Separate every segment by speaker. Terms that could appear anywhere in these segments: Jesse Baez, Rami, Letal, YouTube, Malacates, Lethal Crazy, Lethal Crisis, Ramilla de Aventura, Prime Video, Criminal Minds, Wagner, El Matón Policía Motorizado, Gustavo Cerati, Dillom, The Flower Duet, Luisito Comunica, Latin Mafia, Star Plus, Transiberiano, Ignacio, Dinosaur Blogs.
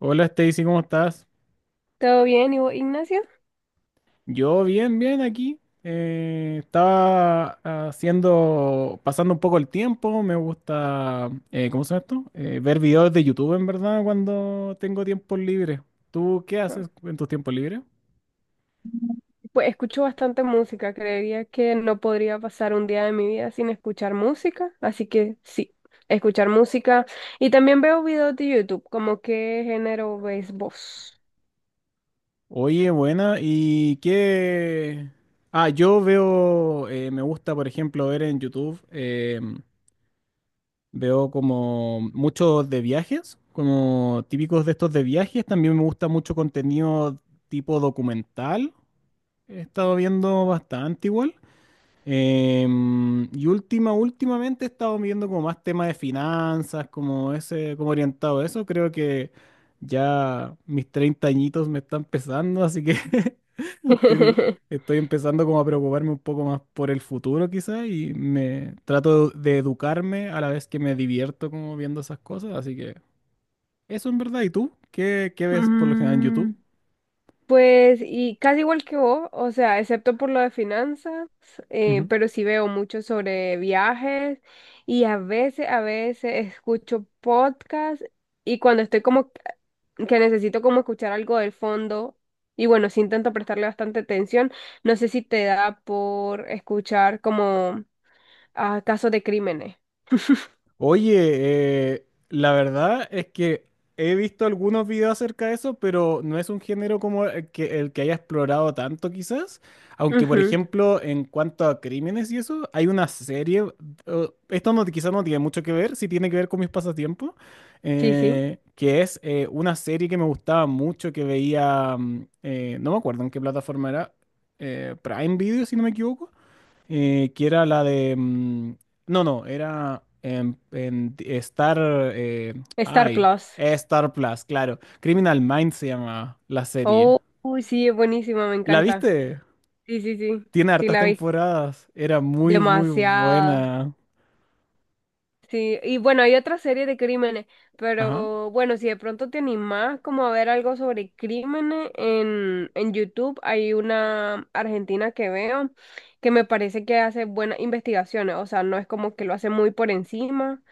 Speaker 1: Hola Stacy, ¿cómo estás?
Speaker 2: ¿Todo bien? ¿Y vos, Ignacio?
Speaker 1: Yo bien, bien aquí. Estaba pasando un poco el tiempo. Me gusta, ¿cómo se llama esto? Ver videos de YouTube, en verdad, cuando tengo tiempo libre. ¿Tú qué
Speaker 2: Ah,
Speaker 1: haces en tus tiempos libres?
Speaker 2: pues escucho bastante música. Creería que no podría pasar un día de mi vida sin escuchar música. Así que sí, escuchar música. Y también veo videos de YouTube, ¿como qué género ves vos?
Speaker 1: Oye, buena. ¿Y qué? Ah, yo veo, me gusta, por ejemplo, ver en YouTube. Veo como muchos de viajes, como típicos de estos de viajes. También me gusta mucho contenido tipo documental. He estado viendo bastante igual. Últimamente he estado viendo como más temas de finanzas, como ese, como orientado a eso. Creo que ya mis 30 añitos me están pesando, así que tengo- estoy empezando como a preocuparme un poco más por el futuro quizás y me trato de educarme a la vez que me divierto como viendo esas cosas. Así que eso en verdad. ¿Y tú? ¿Qué ves por lo general en YouTube?
Speaker 2: Mm, pues, y casi igual que vos, o sea, excepto por lo de finanzas, pero sí veo mucho sobre viajes y a veces escucho podcasts y cuando estoy como que necesito como escuchar algo del fondo. Y bueno, sí intento prestarle bastante atención. No sé si te da por escuchar como, ah, casos de crímenes.
Speaker 1: Oye, la verdad es que he visto algunos videos acerca de eso, pero no es un género como el que haya explorado tanto quizás. Aunque, por
Speaker 2: Ujú.
Speaker 1: ejemplo, en cuanto a crímenes y eso, hay una serie, esto no, quizás no tiene mucho que ver, sí tiene que ver con mis pasatiempos,
Speaker 2: Sí, sí.
Speaker 1: que es una serie que me gustaba mucho, que veía, no me acuerdo en qué plataforma era, Prime Video, si no me equivoco, que era la de... No, no, era en Star... eh,
Speaker 2: Star
Speaker 1: ay,
Speaker 2: Plus.
Speaker 1: Star Plus, claro. Criminal Minds se llama la serie.
Speaker 2: Oh, uy, sí, es buenísima, me
Speaker 1: ¿La
Speaker 2: encanta.
Speaker 1: viste?
Speaker 2: Sí, sí, sí.
Speaker 1: Tiene
Speaker 2: Sí,
Speaker 1: hartas
Speaker 2: la vi.
Speaker 1: temporadas. Era muy, muy
Speaker 2: Demasiada.
Speaker 1: buena.
Speaker 2: Sí, y bueno, hay otra serie de crímenes,
Speaker 1: Ajá,
Speaker 2: pero bueno, si de pronto te animás como a ver algo sobre crímenes en YouTube, hay una argentina que veo que me parece que hace buenas investigaciones, o sea, no es como que lo hace muy por encima.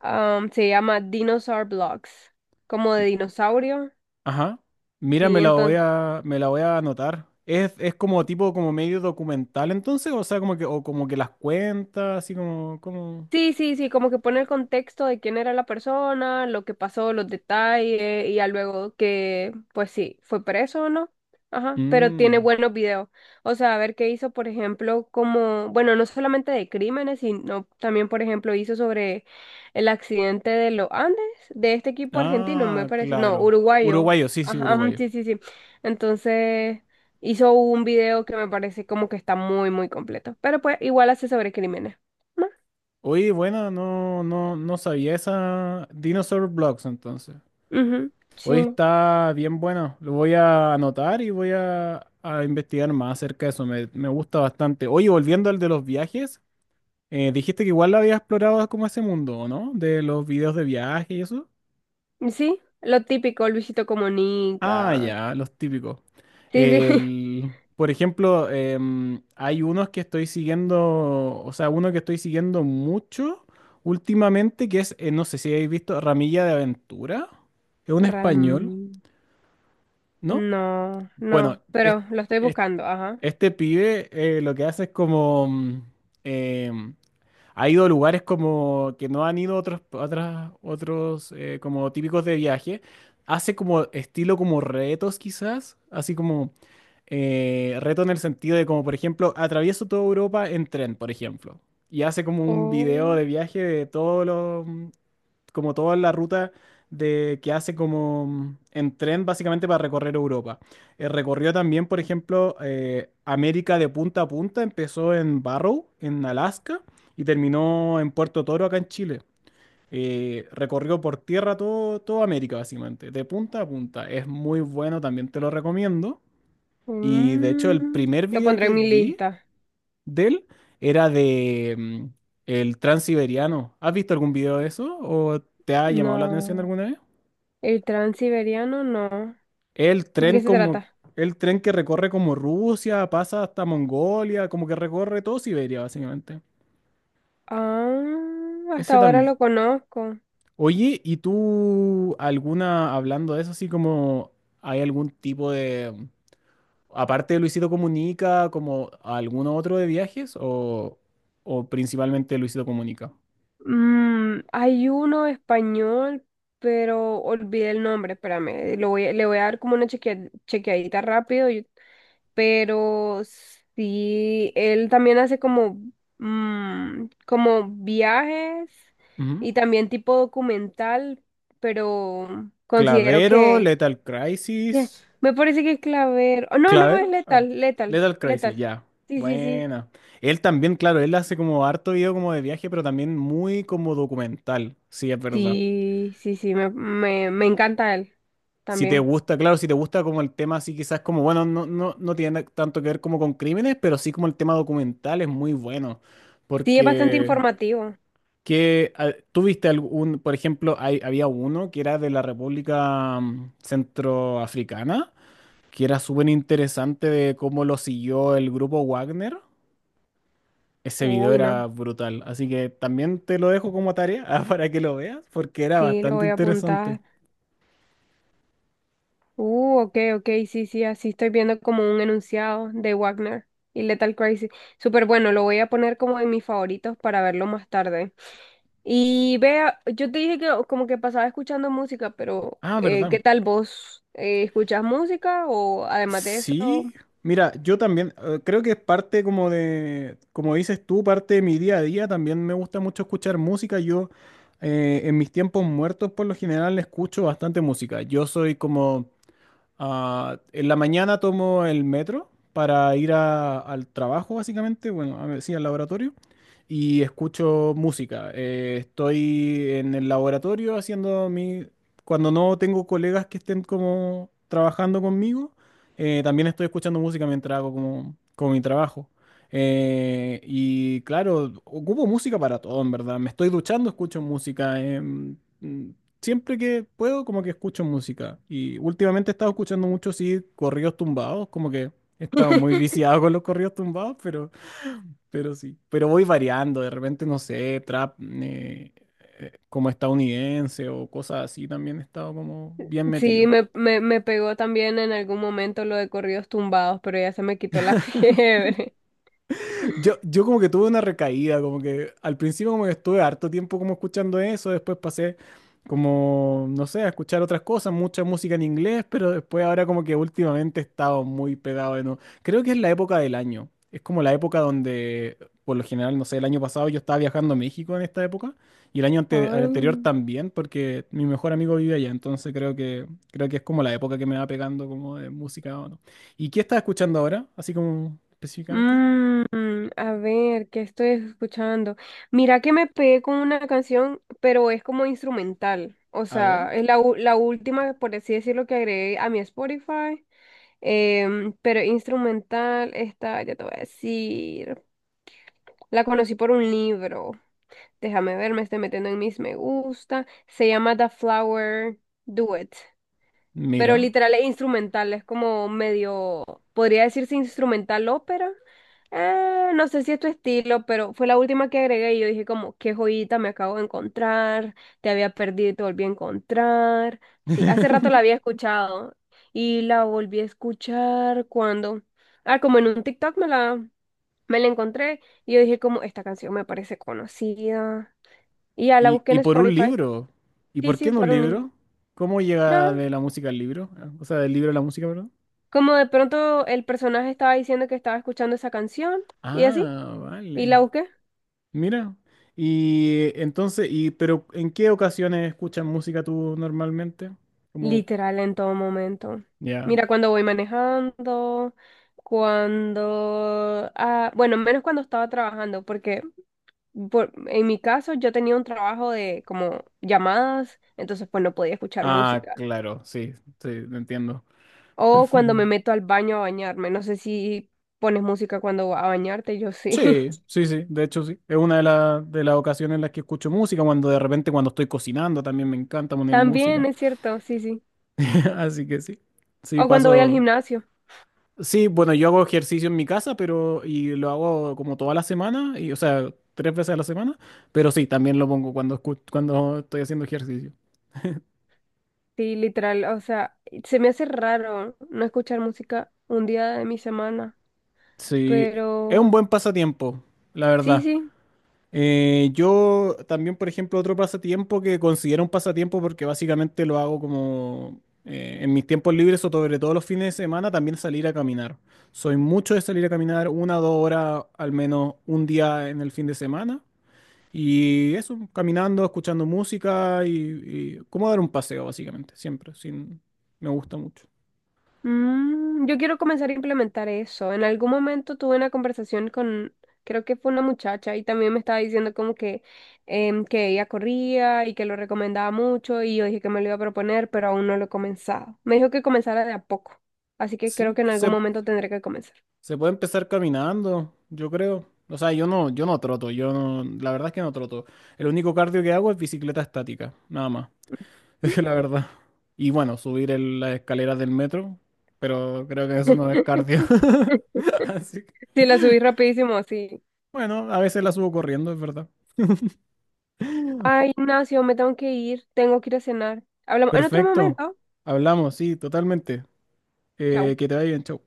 Speaker 2: Am, se llama Dinosaur Blogs, como de dinosaurio,
Speaker 1: ajá. Mira,
Speaker 2: sí, entonces...
Speaker 1: me la voy a anotar. Es como tipo, como medio documental entonces, o sea, como que, o como que las cuentas, así como, como...
Speaker 2: Sí, sí, sí, como que pone el contexto de quién era la persona, lo que pasó, los detalles, y ya luego que, pues sí, fue preso o no. Ajá, pero tiene
Speaker 1: Mm.
Speaker 2: buenos videos. O sea, a ver qué hizo, por ejemplo, como, bueno, no solamente de crímenes, sino también, por ejemplo, hizo sobre el accidente de los Andes, de este equipo argentino, me
Speaker 1: Ah,
Speaker 2: parece, no,
Speaker 1: claro.
Speaker 2: uruguayo.
Speaker 1: Uruguayo, sí, sí,
Speaker 2: Ajá, ajá,
Speaker 1: uruguayo.
Speaker 2: sí, sí, sí. Entonces, hizo un video que me parece como que está muy, muy completo. Pero pues, igual hace sobre crímenes.
Speaker 1: Oye, bueno, no, no, no sabía esa Dinosaur Blocks entonces.
Speaker 2: Ujú.
Speaker 1: Hoy
Speaker 2: Sí,
Speaker 1: está bien bueno. Lo voy a anotar y a investigar más acerca de eso. Me gusta bastante. Oye, volviendo al de los viajes, dijiste que igual lo había explorado como ese mundo, ¿o no? De los videos de viaje y eso.
Speaker 2: sí, lo típico, Luisito
Speaker 1: Ah,
Speaker 2: Comunica.
Speaker 1: ya, los típicos.
Speaker 2: Sí, sí.
Speaker 1: El, por ejemplo, hay unos que estoy siguiendo, o sea, uno que estoy siguiendo mucho últimamente, que es, no sé si habéis visto, Ramilla de Aventura. Es un español,
Speaker 2: Rami.
Speaker 1: ¿no?
Speaker 2: No,
Speaker 1: Bueno,
Speaker 2: no,
Speaker 1: es-
Speaker 2: pero lo estoy
Speaker 1: es-
Speaker 2: buscando, ajá.
Speaker 1: este pibe lo que hace es como, em, ha ido a lugares como que no han ido otros, otros como típicos de viaje. Hace como estilo como retos quizás, así como reto en el sentido de como por ejemplo atravieso toda Europa en tren, por ejemplo. Y hace como un video
Speaker 2: Oh,
Speaker 1: de viaje de todos los como toda la ruta de, que hace como en tren básicamente para recorrer Europa. Recorrió también, por ejemplo, América de punta a punta, empezó en Barrow, en Alaska, y terminó en Puerto Toro, acá en Chile. Recorrió por tierra toda América, básicamente, de punta a punta. Es muy bueno, también te lo recomiendo. Y de hecho, el
Speaker 2: mm,
Speaker 1: primer
Speaker 2: lo
Speaker 1: video
Speaker 2: pondré
Speaker 1: que
Speaker 2: en mi
Speaker 1: vi
Speaker 2: lista.
Speaker 1: de él era de el Transiberiano. ¿Has visto algún video de eso o te ha llamado la atención
Speaker 2: No,
Speaker 1: alguna vez?
Speaker 2: el transiberiano no.
Speaker 1: El
Speaker 2: ¿De
Speaker 1: tren
Speaker 2: qué se
Speaker 1: como
Speaker 2: trata?
Speaker 1: el tren que recorre como Rusia, pasa hasta Mongolia, como que recorre todo Siberia básicamente.
Speaker 2: Ah, hasta
Speaker 1: Ese
Speaker 2: ahora
Speaker 1: también.
Speaker 2: lo conozco.
Speaker 1: Oye, ¿y tú alguna hablando de eso así como hay algún tipo de aparte de Luisito Comunica, como alguno otro de viajes o principalmente Luisito Comunica?
Speaker 2: Mm, hay uno español, pero olvidé el nombre, espérame. Lo voy, a- le voy a dar como una chequea- chequeadita rápido. Pero sí, él también hace como, mm, como viajes
Speaker 1: Ujú.
Speaker 2: y también tipo documental, pero considero
Speaker 1: Clavero, Lethal
Speaker 2: que-
Speaker 1: Crisis.
Speaker 2: me parece que Claver, oh, no, no, es
Speaker 1: Clavero. Ah,
Speaker 2: Letal, Letal,
Speaker 1: Lethal Crisis,
Speaker 2: Letal,
Speaker 1: ya.
Speaker 2: sí, sí, sí,
Speaker 1: Buena. Él también, claro, él hace como harto video como de viaje, pero también muy como documental. Sí, es verdad.
Speaker 2: sí, sí, sí, me encanta él
Speaker 1: Si te
Speaker 2: también.
Speaker 1: gusta, claro, si te gusta como el tema así, quizás como, bueno, no, no, no tiene tanto que ver como con crímenes, pero sí como el tema documental es muy bueno.
Speaker 2: Sí, es bastante
Speaker 1: Porque
Speaker 2: informativo.
Speaker 1: que ah, tú viste algún, por ejemplo, hay, había uno que era de la República Centroafricana que era súper interesante de cómo lo siguió el grupo Wagner. Ese video
Speaker 2: Uy, no,
Speaker 1: era brutal, así que también te lo dejo como tarea ah, para que lo veas, porque era
Speaker 2: sí, lo
Speaker 1: bastante
Speaker 2: voy a
Speaker 1: interesante.
Speaker 2: apuntar. Ok, ok, sí, sí, así estoy viendo como un enunciado de Wagner y Lethal Crazy. Súper bueno, lo voy a poner como en mis favoritos para verlo más tarde. Y vea, yo te dije que o- como que pasaba escuchando música, pero
Speaker 1: Ah, ¿verdad?
Speaker 2: ¿qué tal vos? ¿Escuchas música o además de
Speaker 1: Sí.
Speaker 2: eso?
Speaker 1: Mira, yo también creo que es parte como de, como dices tú, parte de mi día a día. También me gusta mucho escuchar música. Yo en mis tiempos muertos por lo general escucho bastante música. Yo soy como ah, en la mañana tomo el metro para ir al trabajo, básicamente, bueno, a ver, sí, al laboratorio, y escucho música. Estoy en el laboratorio haciendo mi... Cuando no tengo colegas que estén como trabajando conmigo, también estoy escuchando música mientras hago como mi trabajo. Y claro, ocupo música para todo, en verdad. Me estoy duchando, escucho música. Siempre que puedo, como que escucho música. Y últimamente he estado escuchando mucho, sí, corridos tumbados, como que he estado muy viciado con los corridos tumbados, pero sí. Pero voy variando, de repente, no sé, trap como estadounidense o cosas así, también he estado como bien
Speaker 2: Sí,
Speaker 1: metido.
Speaker 2: me pegó también en algún momento lo de corridos tumbados, pero ya se me quitó la fiebre.
Speaker 1: Yo como que tuve una recaída, como que al principio como que estuve harto tiempo como escuchando eso, después pasé como, no sé, a escuchar otras cosas, mucha música en inglés, pero después ahora como que últimamente he estado muy pegado de nuevo. Creo que es la época del año, es como la época donde, por lo general, no sé, el año pasado yo estaba viajando a México en esta época y el año el anterior
Speaker 2: Ay.
Speaker 1: también, porque mi mejor amigo vive allá, entonces creo que es como la época que me va pegando como de música o no. ¿Y qué estás escuchando ahora, así como específicamente?
Speaker 2: Mm, a ver, ¿qué estoy escuchando? Mira que me pegué con una canción, pero es como instrumental. O
Speaker 1: A ver.
Speaker 2: sea, es la, u- la última, por así decirlo, que agregué a mi Spotify. Pero instrumental, esta, ya te voy a decir. La conocí por un libro. Déjame ver, me estoy metiendo en mis me gusta. Se llama The Flower Duet, pero
Speaker 1: Mira.
Speaker 2: literal es instrumental, es como medio, podría decirse instrumental ópera. No sé si es tu estilo, pero fue la última que agregué y yo dije como, qué joyita me acabo de encontrar, te había perdido y te volví a encontrar. Sí, hace rato la había escuchado y la volví a escuchar cuando, ah, como en un TikTok me la encontré y yo dije como, esta canción me parece conocida. Y ya la
Speaker 1: Y,
Speaker 2: busqué en
Speaker 1: ¿y por un
Speaker 2: Spotify.
Speaker 1: libro? ¿Y
Speaker 2: Sí,
Speaker 1: por
Speaker 2: sí,
Speaker 1: qué no un
Speaker 2: por un... link.
Speaker 1: libro? ¿Cómo llega de la música al libro? O sea, del libro a la música, perdón.
Speaker 2: Como de pronto el personaje estaba diciendo que estaba escuchando esa canción y así,
Speaker 1: Ah,
Speaker 2: y
Speaker 1: vale.
Speaker 2: la busqué.
Speaker 1: Mira. Y entonces, y pero ¿en qué ocasiones escuchas música tú normalmente? Como,
Speaker 2: Literal en todo momento.
Speaker 1: ya.
Speaker 2: Mira, cuando voy manejando, cuando... ah, bueno, menos cuando estaba trabajando, porque por- en mi caso yo tenía un trabajo de como llamadas, entonces pues no podía escuchar
Speaker 1: Ah,
Speaker 2: música.
Speaker 1: claro, sí, sí, te entiendo.
Speaker 2: O cuando me
Speaker 1: Perfecto.
Speaker 2: meto al baño a bañarme, no sé si pones música cuando vas a bañarte, yo sí.
Speaker 1: Sí, sí, sí, de hecho sí. Es una de de las ocasiones en las que escucho música, cuando de repente cuando estoy cocinando también me encanta poner
Speaker 2: También
Speaker 1: música.
Speaker 2: es cierto, sí, sí.
Speaker 1: Así que sí. Sí,
Speaker 2: O cuando voy al
Speaker 1: paso.
Speaker 2: gimnasio.
Speaker 1: Sí, bueno, yo hago ejercicio en mi casa, pero y lo hago como toda la semana, y o sea, 3 veces a la semana, pero sí, también lo pongo cuando cuando estoy haciendo ejercicio.
Speaker 2: Sí, literal, o sea, se me hace raro no escuchar música un día de mi semana,
Speaker 1: Sí, es un
Speaker 2: pero
Speaker 1: buen pasatiempo, la
Speaker 2: sí,
Speaker 1: verdad.
Speaker 2: sí,
Speaker 1: Yo también, por ejemplo, otro pasatiempo que considero un pasatiempo porque básicamente lo hago como en mis tiempos libres o sobre todo los fines de semana, también salir a caminar. Soy mucho de salir a caminar 1 o 2 horas al menos un día en el fin de semana. Y eso, caminando, escuchando música y como dar un paseo, básicamente, siempre, sin, me gusta mucho.
Speaker 2: mm, yo quiero comenzar a implementar eso. En algún momento tuve una conversación con, creo que fue una muchacha y también me estaba diciendo como que, que ella corría y que lo recomendaba mucho y yo dije que me lo iba a proponer, pero aún no lo he comenzado. Me dijo que comenzara de a poco, así que creo
Speaker 1: Sí,
Speaker 2: que en algún
Speaker 1: se,
Speaker 2: momento tendré que comenzar.
Speaker 1: se puede empezar caminando, yo creo. O sea, yo no, yo no troto, yo no, la verdad es que no troto. El único cardio que hago es bicicleta estática, nada más, es la verdad. Y bueno, subir las escaleras del metro, pero creo que eso no es cardio. Así que,
Speaker 2: Sí, la subí rapidísimo, sí.
Speaker 1: bueno, a veces la subo corriendo, es verdad.
Speaker 2: Ay, Ignacio, me tengo que ir a cenar. Hablamos en otro
Speaker 1: Perfecto,
Speaker 2: momento.
Speaker 1: hablamos, sí, totalmente.
Speaker 2: Chau.
Speaker 1: Que te vaya bien, chau.